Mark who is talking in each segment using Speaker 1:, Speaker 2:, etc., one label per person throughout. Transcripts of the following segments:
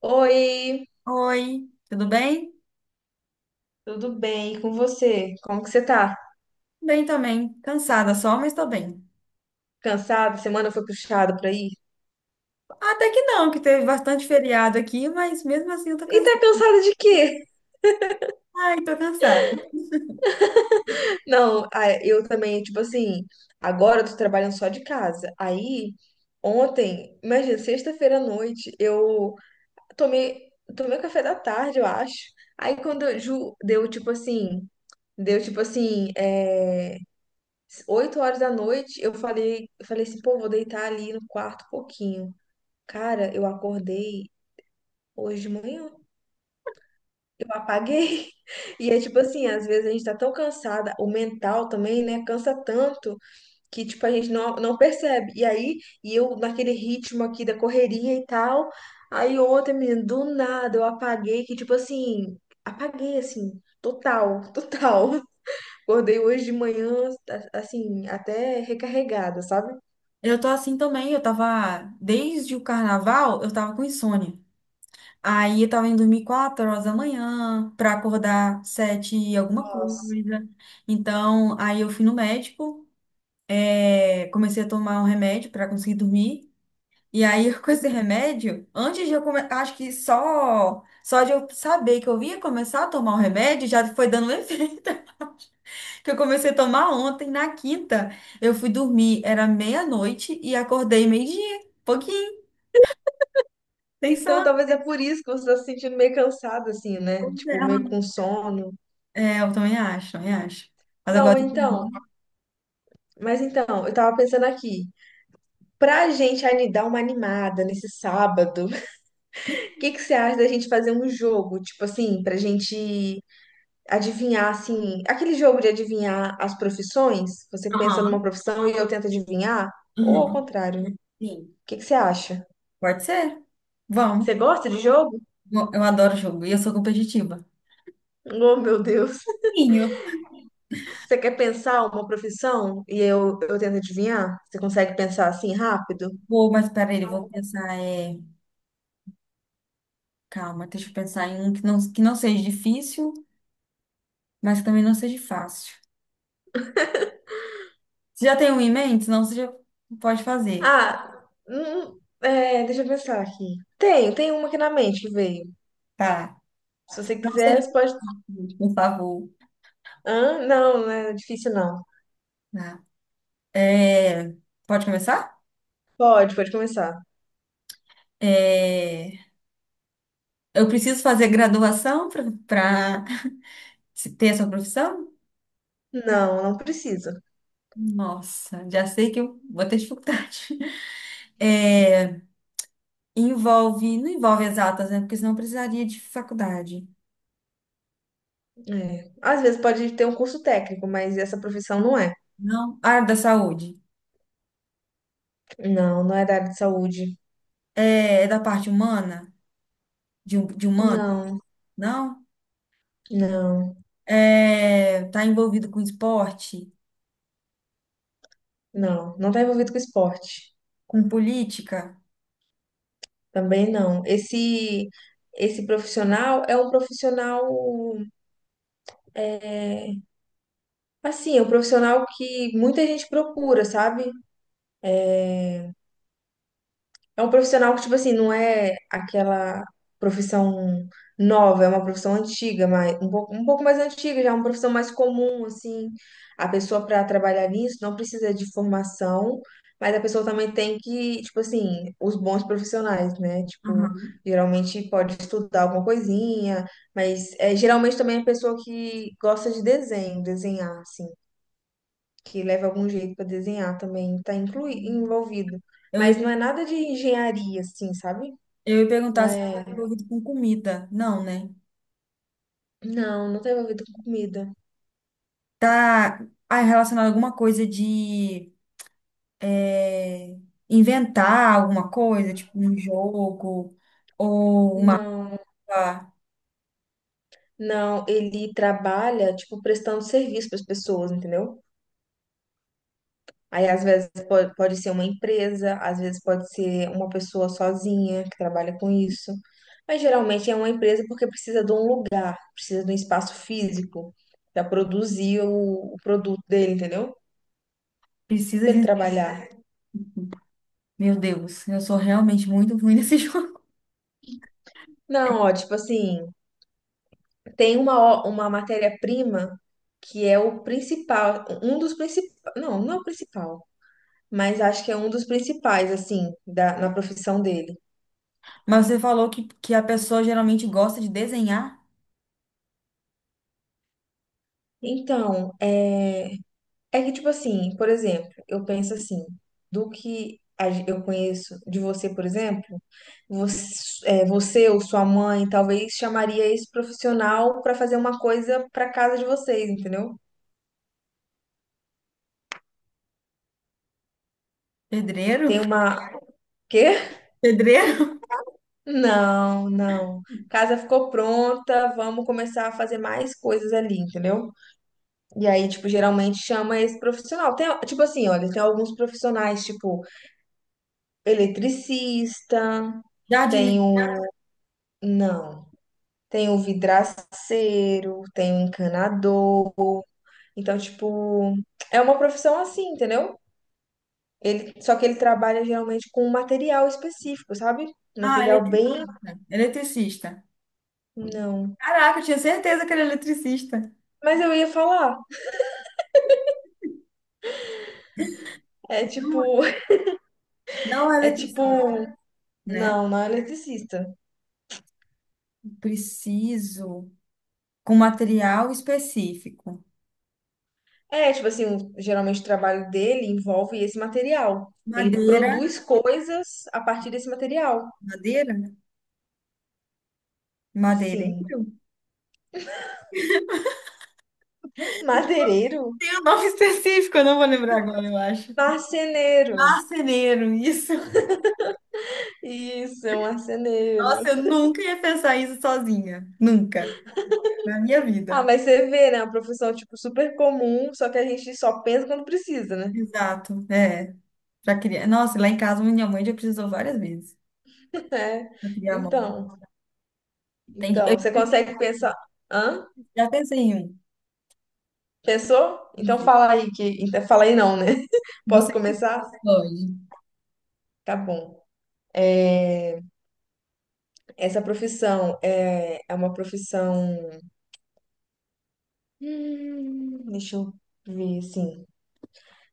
Speaker 1: Oi,
Speaker 2: Oi, tudo bem?
Speaker 1: tudo bem? E com você? Como que você tá?
Speaker 2: Bem também. Cansada só, mas tô bem.
Speaker 1: Cansada? Semana foi puxada por aí?
Speaker 2: Até que não, que teve bastante feriado aqui, mas mesmo assim eu tô
Speaker 1: E tá
Speaker 2: cansada.
Speaker 1: cansada de quê?
Speaker 2: Ai, tô cansada.
Speaker 1: Não, ah, eu também, tipo assim, agora eu tô trabalhando só de casa. Aí, ontem, imagina, sexta-feira à noite, eu tomei café da tarde, eu acho. Aí quando eu, deu tipo assim, 8 horas da noite, eu falei assim, pô, vou deitar ali no quarto um pouquinho. Cara, eu acordei hoje de manhã, eu apaguei. E é tipo assim, às vezes a gente tá tão cansada, o mental também, né? Cansa tanto que, tipo, a gente não percebe. E aí, eu naquele ritmo aqui da correria e tal. Aí ontem, menina, do nada eu apaguei, que tipo assim, apaguei assim, total, total. Acordei hoje de manhã, assim, até recarregada, sabe?
Speaker 2: Eu tô assim também, eu tava, desde o carnaval, eu tava com insônia. Aí eu tava indo dormir 4 horas da manhã, pra acordar 7 e alguma
Speaker 1: Nossa.
Speaker 2: coisa. Então, aí eu fui no médico, comecei a tomar um remédio pra conseguir dormir. E aí, com esse remédio, antes de eu começar, acho que só de eu saber que eu ia começar a tomar o remédio, já foi dando um efeito, que eu comecei a tomar ontem, na quinta. Eu fui dormir, era meia-noite e acordei meio-dia, pouquinho, sem
Speaker 1: Então,
Speaker 2: sono.
Speaker 1: talvez é por isso que você tá se sentindo meio cansada, assim, né?
Speaker 2: Pois
Speaker 1: Tipo, meio com sono.
Speaker 2: é, é, eu também acho, também acho. Mas
Speaker 1: Não,
Speaker 2: agora eu tô
Speaker 1: então.
Speaker 2: dormindo.
Speaker 1: Mas então, eu tava pensando aqui, pra gente dar uma animada nesse sábado, o que que você acha da gente fazer um jogo, tipo assim, pra gente adivinhar assim, aquele jogo de adivinhar as profissões? Você pensa numa
Speaker 2: Aham,
Speaker 1: profissão e eu tento adivinhar, ou ao
Speaker 2: uhum.
Speaker 1: contrário, né? O
Speaker 2: Sim.
Speaker 1: que que você acha?
Speaker 2: Pode ser?
Speaker 1: Você
Speaker 2: Vamos.
Speaker 1: gosta de jogo?
Speaker 2: Eu adoro jogo e eu sou competitiva.
Speaker 1: Oh, meu Deus.
Speaker 2: Sim, eu
Speaker 1: Você quer pensar uma profissão e eu tento adivinhar? Você consegue pensar assim rápido?
Speaker 2: vou, mas peraí, eu vou pensar. Calma, deixa eu pensar em um que não seja difícil, mas que também não seja fácil. Você já tem um em mente? Senão você já pode fazer.
Speaker 1: Ah, deixa eu pensar aqui. Tem uma aqui na mente que veio.
Speaker 2: Tá.
Speaker 1: Se você
Speaker 2: Não seja
Speaker 1: quiser, você pode.
Speaker 2: difícil, por favor.
Speaker 1: Hã? Não, não é difícil não.
Speaker 2: Tá. É, pode começar?
Speaker 1: Pode, pode começar.
Speaker 2: É, eu preciso fazer graduação para ter essa profissão?
Speaker 1: Não, não precisa.
Speaker 2: Nossa, já sei que eu vou ter dificuldade. É, envolve, não envolve exatas, né? Porque senão eu precisaria de faculdade.
Speaker 1: É. Às vezes pode ter um curso técnico, mas essa profissão não é.
Speaker 2: Não. Área da saúde.
Speaker 1: Não, não é da área de saúde.
Speaker 2: É, é da parte humana? De de humano,
Speaker 1: Não,
Speaker 2: não?
Speaker 1: não,
Speaker 2: É, tá envolvido com esporte,
Speaker 1: não. Não está envolvido com esporte.
Speaker 2: com política?
Speaker 1: Também não. Esse profissional é um profissional, assim, é um profissional que muita gente procura, sabe? É um profissional que, tipo assim, não é aquela profissão nova, é uma profissão antiga, mas um pouco mais antiga, já é uma profissão mais comum, assim. A pessoa para trabalhar nisso não precisa de formação, mas a pessoa também tem que, tipo assim, os bons profissionais, né? Tipo,
Speaker 2: Aham.
Speaker 1: geralmente pode estudar alguma coisinha, mas geralmente também é pessoa que gosta de desenho, desenhar, assim que leva algum jeito para desenhar também, está inclui envolvido.
Speaker 2: Eu,
Speaker 1: Mas não
Speaker 2: ia-
Speaker 1: é nada de engenharia, assim, sabe?
Speaker 2: eu ia
Speaker 1: Não
Speaker 2: perguntar se tá
Speaker 1: é.
Speaker 2: envolvido com comida. Não, né?
Speaker 1: Não, não está envolvido com comida.
Speaker 2: Tá, relacionado a alguma coisa de, é, inventar alguma coisa, tipo um jogo ou uma.
Speaker 1: Não,
Speaker 2: ah,
Speaker 1: não. Ele trabalha, tipo, prestando serviço para as pessoas, entendeu? Aí, às vezes, pode ser uma empresa, às vezes, pode ser uma pessoa sozinha que trabalha com isso. Mas geralmente é uma empresa porque precisa de um lugar, precisa de um espaço físico para produzir o produto dele, entendeu?
Speaker 2: Precisa
Speaker 1: Para
Speaker 2: de
Speaker 1: ele
Speaker 2: um.
Speaker 1: trabalhar.
Speaker 2: Meu Deus, eu sou realmente muito ruim nesse jogo.
Speaker 1: Não, ó, tipo assim, uma matéria-prima que é o principal, um dos principais, não, não é o principal, mas acho que é um dos principais, assim, na profissão dele.
Speaker 2: Mas você falou que a pessoa geralmente gosta de desenhar.
Speaker 1: Então, é que, tipo assim, por exemplo, eu penso assim, do que eu conheço de você, por exemplo, você, você ou sua mãe talvez chamaria esse profissional para fazer uma coisa para casa de vocês, entendeu?
Speaker 2: Pedreiro?
Speaker 1: Tem uma, quê?
Speaker 2: Pedreiro?
Speaker 1: Não, não. Casa ficou pronta, vamos começar a fazer mais coisas ali, entendeu? E aí, tipo, geralmente chama esse profissional. Tem, tipo assim, olha, tem alguns profissionais, tipo, eletricista, tem
Speaker 2: Jardineiro.
Speaker 1: o. Não. Tem o vidraceiro, tem o encanador. Então, tipo, é uma profissão assim, entendeu? Ele, só que ele trabalha geralmente com um material específico, sabe?
Speaker 2: Ah,
Speaker 1: Material bem.
Speaker 2: eletricista.
Speaker 1: Não.
Speaker 2: Caraca, eu tinha certeza que era eletricista.
Speaker 1: Mas eu ia falar. É tipo.
Speaker 2: Não é
Speaker 1: É tipo.
Speaker 2: eletricista. Né?
Speaker 1: Não, não é eletricista.
Speaker 2: Preciso com material específico.
Speaker 1: É, tipo assim, geralmente o trabalho dele envolve esse material. Ele
Speaker 2: Madeira,
Speaker 1: produz coisas a partir desse material.
Speaker 2: madeira, né?
Speaker 1: Sim.
Speaker 2: Madeireiro?
Speaker 1: Madeireiro?
Speaker 2: Tem um nome específico, eu não vou lembrar agora, eu acho.
Speaker 1: Marceneiro.
Speaker 2: Marceneiro, isso.
Speaker 1: Isso, é um marceneiro.
Speaker 2: Nossa, eu nunca ia pensar isso sozinha, nunca, na minha
Speaker 1: Ah,
Speaker 2: vida.
Speaker 1: mas você vê, né? Uma profissão, tipo, super comum, só que a gente só pensa quando precisa, né?
Speaker 2: Exato, é. Pra criar. Nossa, lá em casa minha mãe já precisou várias vezes pra
Speaker 1: É.
Speaker 2: criar a mão.
Speaker 1: Então,
Speaker 2: Eu
Speaker 1: então,
Speaker 2: já
Speaker 1: você
Speaker 2: pensei,
Speaker 1: consegue pensar. Hã?
Speaker 2: já pensei em
Speaker 1: Pensou?
Speaker 2: um.
Speaker 1: Fala aí não, né? Posso
Speaker 2: Você
Speaker 1: começar?
Speaker 2: pode.
Speaker 1: Tá bom. É uma profissão. Deixa eu ver, assim.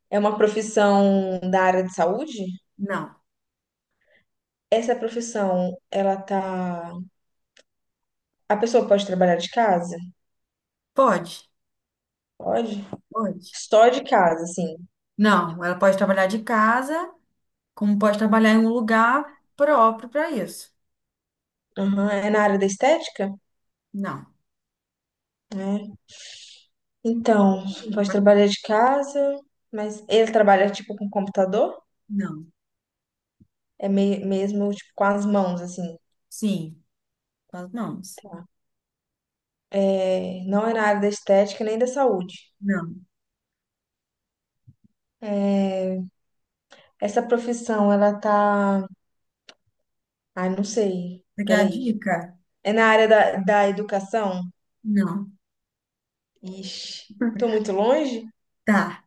Speaker 1: É uma profissão da área de saúde?
Speaker 2: Não.
Speaker 1: Essa profissão, ela tá. A pessoa pode trabalhar de casa?
Speaker 2: Pode?
Speaker 1: Pode.
Speaker 2: Pode.
Speaker 1: Só de casa, assim.
Speaker 2: Não, ela pode trabalhar de casa, como pode trabalhar em um lugar próprio para isso.
Speaker 1: Aham, é na área da estética?
Speaker 2: Não.
Speaker 1: É. Então, pode trabalhar de casa, mas ele trabalha tipo com computador?
Speaker 2: Não.
Speaker 1: É mesmo tipo com as mãos, assim.
Speaker 2: Sim, com as mãos.
Speaker 1: É, não é na área da estética nem da saúde.
Speaker 2: Não.
Speaker 1: Essa profissão, ela tá. Ai, não sei.
Speaker 2: Você quer a
Speaker 1: Peraí.
Speaker 2: dica?
Speaker 1: É na área da educação?
Speaker 2: Não.
Speaker 1: Ixi, tô muito longe?
Speaker 2: Tá.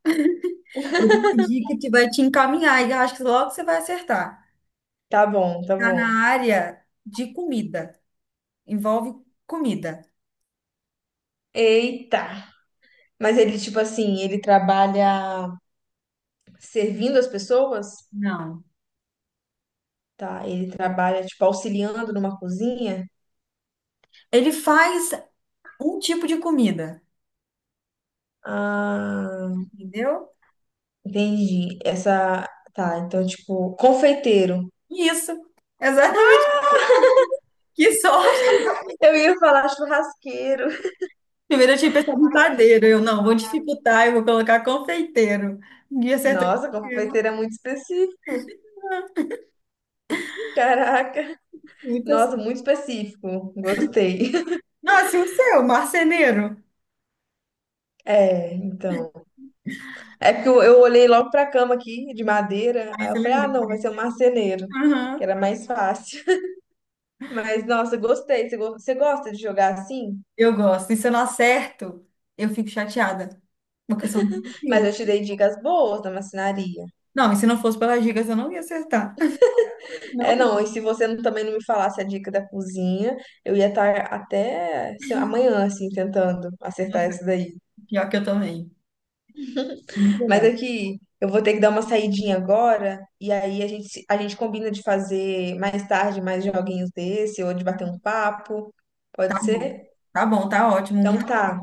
Speaker 2: Vou dar uma dica que vai te encaminhar e eu acho que logo você vai acertar.
Speaker 1: Tá bom, tá
Speaker 2: Tá
Speaker 1: bom.
Speaker 2: na área de comida. Envolve comida.
Speaker 1: Eita! Mas ele, tipo assim, ele trabalha servindo as pessoas?
Speaker 2: Não.
Speaker 1: Tá, ele trabalha, tipo, auxiliando numa cozinha?
Speaker 2: Ele faz um tipo de comida,
Speaker 1: Ah,
Speaker 2: entendeu?
Speaker 1: entendi. Essa. Tá, então, tipo, confeiteiro.
Speaker 2: Isso. Exatamente. Que sorte!
Speaker 1: Eu ia falar churrasqueiro.
Speaker 2: Primeiro eu tinha pensado em padeiro. Eu, não, vou dificultar, eu vou colocar confeiteiro. E acertou
Speaker 1: Nossa,
Speaker 2: inteiro.
Speaker 1: confeiteiro é muito específico, caraca.
Speaker 2: Muita
Speaker 1: Nossa, muito
Speaker 2: sorte.
Speaker 1: específico. Gostei.
Speaker 2: Nossa, e o seu, marceneiro?
Speaker 1: É, então. É porque eu olhei logo pra cama aqui, de madeira,
Speaker 2: Aí
Speaker 1: aí eu
Speaker 2: você
Speaker 1: falei, ah,
Speaker 2: lembrou.
Speaker 1: não, vai ser um marceneiro, que
Speaker 2: Aham.
Speaker 1: era mais fácil. Mas, nossa, gostei. Você, você gosta de jogar assim?
Speaker 2: Eu gosto. E se eu não acerto, eu fico chateada. Porque eu sou muito
Speaker 1: Mas eu te
Speaker 2: criativa.
Speaker 1: dei dicas boas da marcenaria.
Speaker 2: Não, e se não fosse pelas dicas, eu não ia acertar.
Speaker 1: É,
Speaker 2: Não,
Speaker 1: não,
Speaker 2: ia.
Speaker 1: e se você também não me falasse a dica da cozinha, eu ia estar até sei lá, amanhã, assim, tentando acertar
Speaker 2: Nossa,
Speaker 1: essa daí.
Speaker 2: pior que eu também. Muito
Speaker 1: Mas
Speaker 2: legal.
Speaker 1: aqui, eu vou ter que dar uma saidinha agora, e aí a gente, a gente combina de fazer mais tarde mais joguinhos desse, ou de bater um papo,
Speaker 2: Tá
Speaker 1: pode
Speaker 2: bom.
Speaker 1: ser?
Speaker 2: Tá bom, tá ótimo. Muito,
Speaker 1: Então tá.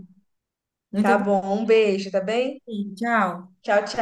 Speaker 2: muito
Speaker 1: Tá
Speaker 2: obrigada.
Speaker 1: bom, um beijo, tá bem?
Speaker 2: Tchau.
Speaker 1: Tchau, tchau.